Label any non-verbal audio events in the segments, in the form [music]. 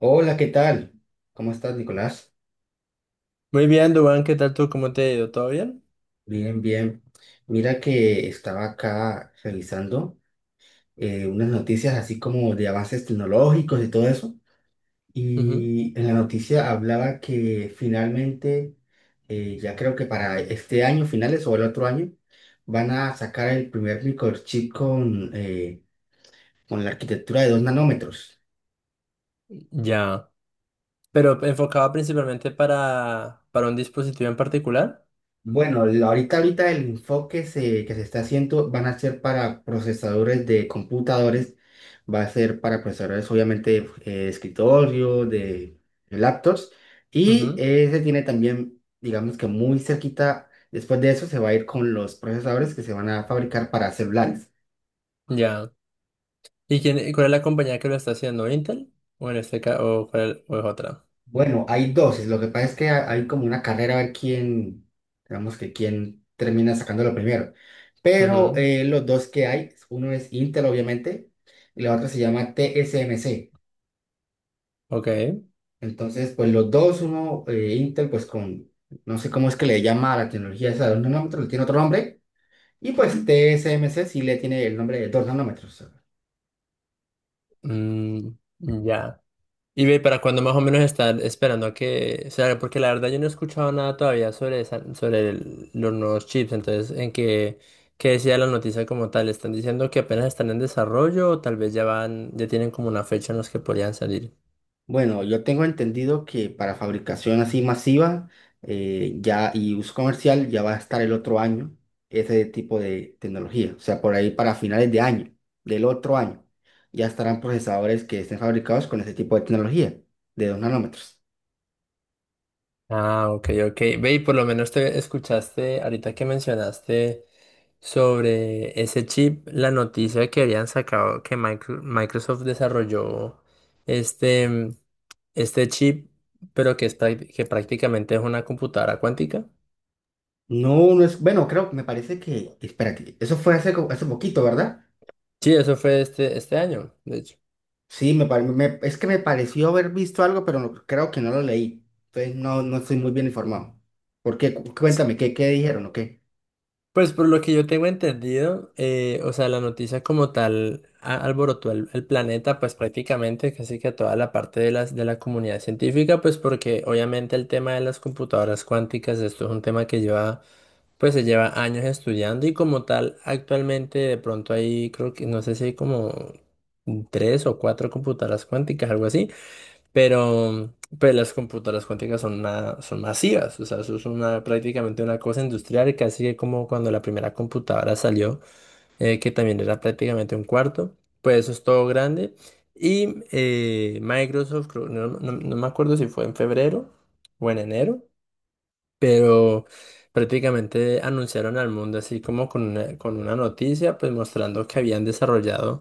Hola, ¿qué tal? ¿Cómo estás, Nicolás? Muy bien, Dubán, ¿qué tal tú? ¿Cómo te ha ido? ¿Todo bien? Bien, bien. Mira que estaba acá revisando unas noticias así como de avances tecnológicos y todo eso. Ujú. Y en la noticia hablaba que finalmente, ya creo que para este año, finales o el otro año, van a sacar el primer microchip con, con la arquitectura de dos nanómetros. Ya. Pero enfocado principalmente para un dispositivo en particular. Bueno, ahorita el enfoque que se está haciendo van a ser para procesadores de computadores, va a ser para procesadores obviamente de escritorio, de laptops, y Ujú. Se tiene también, digamos que muy cerquita, después de eso se va a ir con los procesadores que se van a fabricar para celulares. Ya. ¿Y quién, cuál es la compañía que lo está haciendo? ¿Intel? ¿O en este caso, o cuál, o es otra? Bueno, hay dos. Lo que pasa es que hay como una carrera a ver quién, digamos que quién termina sacándolo primero. Pero Ujú. Los dos que hay, uno es Intel, obviamente, y la otra se llama TSMC. Ok. Entonces, pues los dos, uno, Intel, pues con, no sé cómo es que le llama a la tecnología esa de dos nanómetros, le tiene otro nombre. Y pues TSMC sí le tiene el nombre de dos nanómetros. Mm, ya. Y ve, ¿para cuándo más o menos están esperando a que sea? Porque la verdad yo no he escuchado nada todavía sobre sobre los nuevos chips. Entonces, ¿en qué, qué decía la noticia como tal? ¿Están diciendo que apenas están en desarrollo o tal vez ya van, ya tienen como una fecha en los que podrían salir? Bueno, yo tengo entendido que para fabricación así masiva ya y uso comercial ya va a estar el otro año ese tipo de tecnología. O sea, por ahí para finales de año, del otro año, ya estarán procesadores que estén fabricados con ese tipo de tecnología de 2 nanómetros. Ah, ok, ok. Ve, y por lo menos te escuchaste, ahorita que mencionaste. Sobre ese chip, la noticia que habían sacado que Microsoft desarrolló este, este chip, pero que, que prácticamente es una computadora cuántica. No, no es, bueno, creo, me parece que, espérate, eso fue hace, hace poquito, ¿verdad? Sí, eso fue este año, de hecho. Sí, es que me pareció haber visto algo, pero creo que no lo leí. Entonces no, no estoy muy bien informado. ¿Por qué? Sí. Cuéntame, ¿qué dijeron o qué? Pues por lo que yo tengo entendido, o sea, la noticia como tal alborotó el planeta, pues prácticamente casi que a toda la parte de de la comunidad científica, pues porque obviamente el tema de las computadoras cuánticas, esto es un tema que lleva. Pues se lleva años estudiando y como tal, actualmente de pronto hay, creo que, no sé si hay como tres o cuatro computadoras cuánticas, algo así, pero pues las computadoras cuánticas son, son masivas, o sea, eso es una, prácticamente una cosa industrial, casi que como cuando la primera computadora salió, que también era prácticamente un cuarto, pues eso es todo grande. Y Microsoft, no me acuerdo si fue en febrero o en enero, pero prácticamente anunciaron al mundo así como con una noticia, pues mostrando que habían desarrollado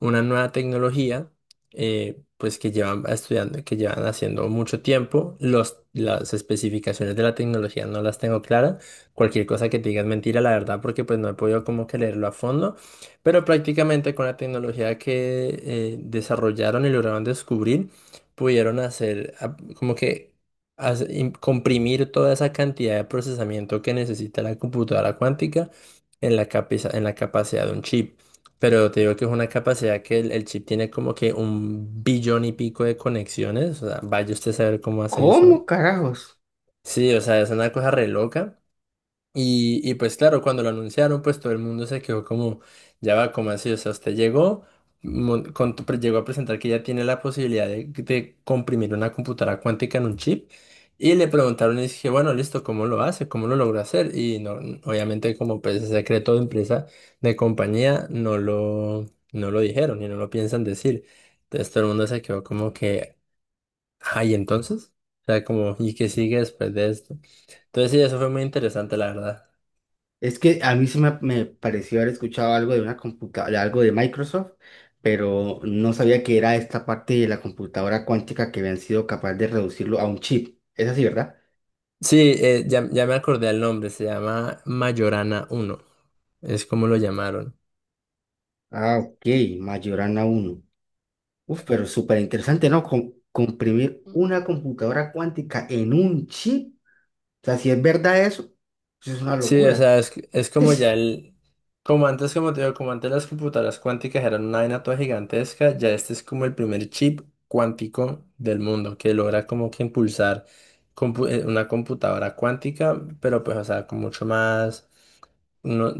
una nueva tecnología, pues que llevan estudiando, que llevan haciendo mucho tiempo. Las especificaciones de la tecnología no las tengo claras. Cualquier cosa que te diga es mentira, la verdad, porque pues no he podido como que leerlo a fondo, pero prácticamente con la tecnología que desarrollaron y lograron descubrir, pudieron hacer como que comprimir toda esa cantidad de procesamiento que necesita la computadora cuántica en la en la capacidad de un chip. Pero te digo que es una capacidad que el chip tiene como que un billón y pico de conexiones. O sea, vaya usted a saber cómo hace ¿Cómo eso. carajos? Sí, o sea, es una cosa re loca. Y pues claro, cuando lo anunciaron, pues todo el mundo se quedó como, ya va, como así? O sea, usted llegó, llegó a presentar que ya tiene la posibilidad de comprimir una computadora cuántica en un chip. Y le preguntaron y dije, bueno, listo, ¿cómo lo hace? ¿Cómo lo logra hacer? Y no, obviamente como pues es secreto de empresa, de compañía, no lo dijeron y no lo piensan decir. Entonces todo el mundo se quedó como que, ay, entonces, o sea, como, ¿y qué sigue después de esto? Entonces sí, eso fue muy interesante, la verdad. Es que a mí sí me pareció haber escuchado algo de una computadora, algo de Microsoft, pero no sabía que era esta parte de la computadora cuántica que habían sido capaces de reducirlo a un chip. Es así, ¿verdad? Sí, ya me acordé el nombre, se llama Mayorana uno, es como lo llamaron. Ah, ok, Majorana uno. Uf, pero súper interesante, ¿no? Comprimir una computadora cuántica en un chip. O sea, si es verdad eso, eso es una Sí, o locura. sea, es como ya [laughs] el, como antes, como te digo, como antes las computadoras cuánticas eran una vaina toda gigantesca, ya este es como el primer chip cuántico del mundo, que logra como que impulsar una computadora cuántica, pero pues, o sea, con mucho más no,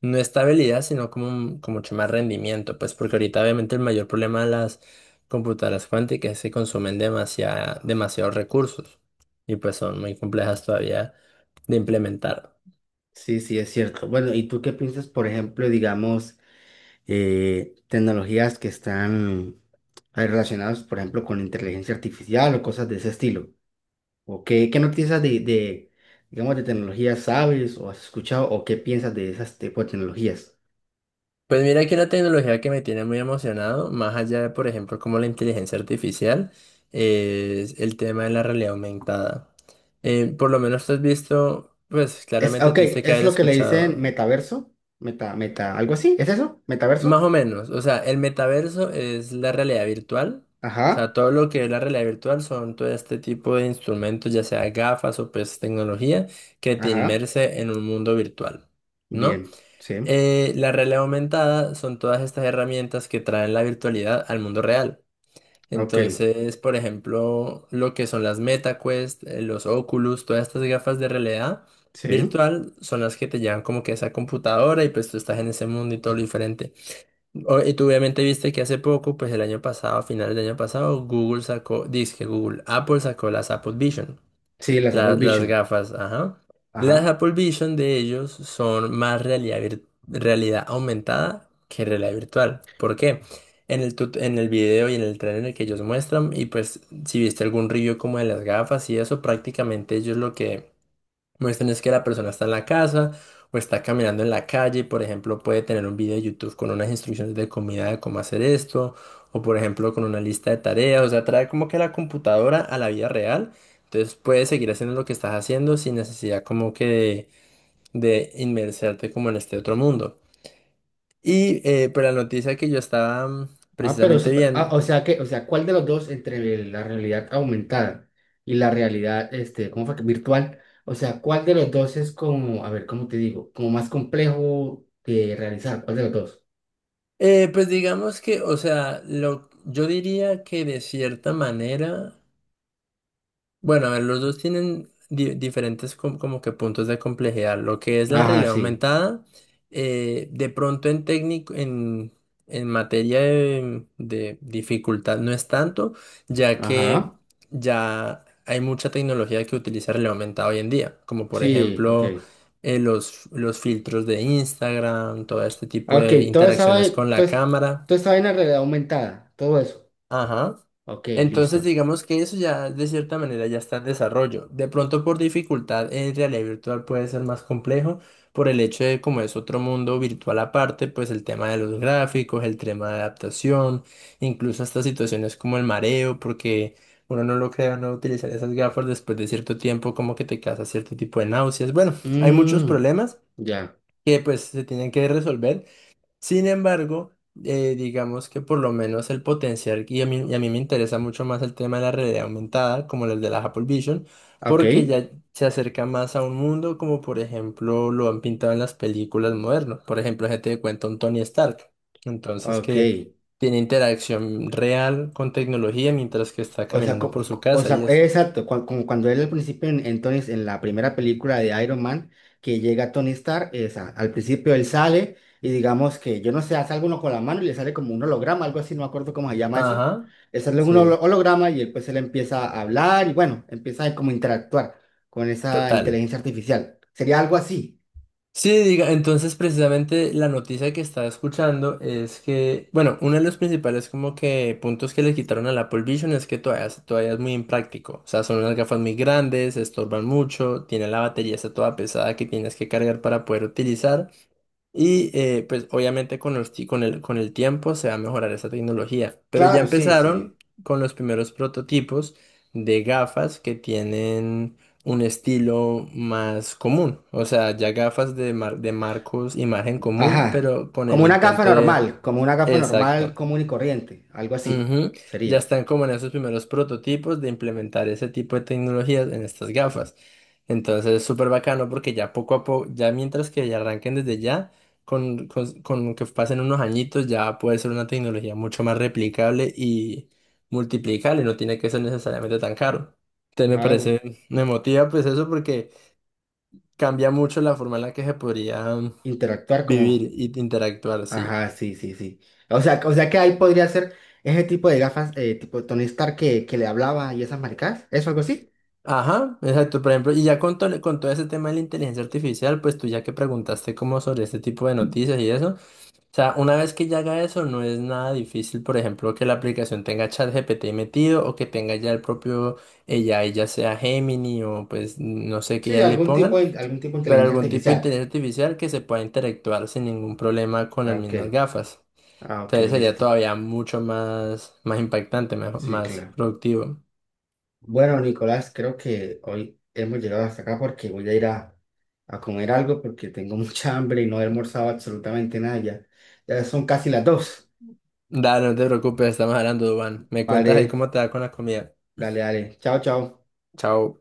no estabilidad, sino como, como mucho más rendimiento, pues porque ahorita obviamente el mayor problema de las computadoras cuánticas es que consumen demasiada, demasiados recursos y pues son muy complejas todavía de implementar. Sí, sí, es cierto. Bueno, ¿y tú qué piensas, por ejemplo, digamos? Tecnologías que están relacionadas, por ejemplo, con inteligencia artificial o cosas de ese estilo. ¿O qué, qué noticias de, digamos, de tecnologías sabes o has escuchado o qué piensas de esas tipos de tecnologías? Pues mira que una tecnología que me tiene muy emocionado, más allá de por ejemplo como la inteligencia artificial, es el tema de la realidad aumentada. Por lo menos tú has visto, pues Es, ah, claramente ok, te dice que es haber lo que le dicen escuchado. metaverso, meta, meta, algo así, ¿es eso? Más ¿Metaverso? o menos, o sea, el metaverso es la realidad virtual, o sea, Ajá, todo lo que es la realidad virtual son todo este tipo de instrumentos, ya sea gafas o pues tecnología, que te ajá, inmerse en un mundo virtual, ¿no? bien, sí, La realidad aumentada son todas estas herramientas que traen la virtualidad al mundo real. ok, Entonces, por ejemplo, lo que son las MetaQuest, los Oculus, todas estas gafas de realidad sí, virtual son las que te llevan como que a esa computadora y pues tú estás en ese mundo y todo lo diferente. Y tú obviamente viste que hace poco, pues el año pasado, a finales del año pasado, Google sacó, que Google, Apple sacó las Apple Vision, sí, las Apple las Vision, gafas, ajá. Las ajá. Apple Vision de ellos son más realidad, realidad aumentada que realidad virtual. ¿Por qué? En el, en el video y en el trailer que ellos muestran, y pues si viste algún review como de las gafas y eso, prácticamente ellos lo que muestran es que la persona está en la casa o está caminando en la calle, y, por ejemplo, puede tener un video de YouTube con unas instrucciones de comida de cómo hacer esto, o por ejemplo con una lista de tareas, o sea, trae como que la computadora a la vida real, entonces puedes seguir haciendo lo que estás haciendo sin necesidad como que de inmersarte como en este otro mundo. Y pues la noticia que yo estaba Ah, pero, precisamente ah, viendo, o sea que, o sea, ¿cuál de los dos entre la realidad aumentada y la realidad, este, ¿cómo fue que? Virtual, o sea, ¿cuál de los dos es como, a ver, ¿cómo te digo? Como más complejo de realizar, ¿cuál de los dos? Pues digamos que, o sea, lo, yo diría que de cierta manera... Bueno, a ver, los dos tienen diferentes como que puntos de complejidad. Lo que es la Ajá, realidad sí, aumentada, de pronto en técnico, en materia de dificultad no es tanto, ya que ajá, ya hay mucha tecnología que utiliza realidad aumentada hoy en día, como por sí, ok. ejemplo los filtros de Instagram, todo este Ah, tipo ok, de toda esa interacciones vaina, con toda, la cámara. toda esa vaina en realidad aumentada, todo eso. Ajá. Ok, Entonces listo. digamos que eso ya de cierta manera ya está en desarrollo. De pronto por dificultad en realidad virtual puede ser más complejo por el hecho de como es otro mundo virtual aparte, pues el tema de los gráficos, el tema de adaptación, incluso hasta situaciones como el mareo, porque uno no lo crea, no utilizar esas gafas después de cierto tiempo como que te causa cierto tipo de náuseas. Bueno, hay muchos Mm, problemas ya, que pues se tienen que resolver. Sin embargo, digamos que por lo menos el potencial, y a mí me interesa mucho más el tema de la realidad aumentada, como el de la Apple Vision, ok, porque ya se acerca más a un mundo como por ejemplo lo han pintado en las películas modernas. Por ejemplo, gente de cuenta un Tony Stark. Entonces ok. que tiene interacción real con tecnología mientras que está O sea, caminando por su o casa y sea, eso. exacto, como cuando él al principio en, en la primera película de Iron Man, que llega Tony Stark, o sea, al principio él sale y digamos que, yo no sé, hace alguno con la mano y le sale como un holograma, algo así, no me acuerdo cómo se llama eso. Ajá, Le sale un sí, holograma y él pues él empieza a hablar y bueno, empieza a como interactuar con esa total. inteligencia artificial. Sería algo así. Sí, diga, entonces precisamente la noticia que estaba escuchando es que, bueno, uno de los principales como que puntos que le quitaron al Apple Vision es que todavía, todavía es muy impráctico. O sea, son unas gafas muy grandes, estorban mucho, tiene la batería está toda pesada que tienes que cargar para poder utilizar. Y pues obviamente con el, con el, con el tiempo se va a mejorar esa tecnología. Pero ya Claro, sí, empezaron sí. con los primeros prototipos de gafas que tienen un estilo más común. O sea, ya gafas de, de marcos y margen común, Ajá. pero con Como el una gafa intento de... normal, como una gafa Exacto. normal común y corriente, algo así Ujú, ya sería. están como en esos primeros prototipos de implementar ese tipo de tecnologías en estas gafas. Entonces es súper bacano porque ya poco a poco, ya mientras que ya arranquen desde ya, con que pasen unos añitos ya puede ser una tecnología mucho más replicable y multiplicable, no tiene que ser necesariamente tan caro. Entonces me Ah, parece, me motiva pues eso porque cambia mucho la forma en la que se podría interactuar vivir como... y interactuar, sí. Ajá, sí, sí, sí. O sea que ahí podría ser ese tipo de gafas, tipo Tony Stark que le hablaba y esas maricadas. ¿Eso algo así? Ajá, exacto, por ejemplo, y ya con, con todo ese tema de la inteligencia artificial, pues tú ya que preguntaste como sobre este tipo de noticias y eso, o sea, una vez que ya haga eso, no es nada difícil, por ejemplo, que la aplicación tenga ChatGPT metido o que tenga ya el propio, ella ya sea Gemini o pues no sé qué Sí, ya le pongan, algún tipo de pero inteligencia algún tipo de artificial. inteligencia artificial que se pueda interactuar sin ningún problema con Ah, las ok. mismas gafas. Ah, ok, Entonces sería listo. todavía mucho más, más impactante, Sí, más claro. productivo. Bueno, Nicolás, creo que hoy hemos llegado hasta acá porque voy a ir a comer algo porque tengo [laughs] mucha hambre y no he almorzado absolutamente nada ya. Ya son casi las dos. Da, no te preocupes, estamos hablando, Dubán. Me cuentas ahí Vale, cómo te va con la comida. dale, dale. Chao, chao. Chao.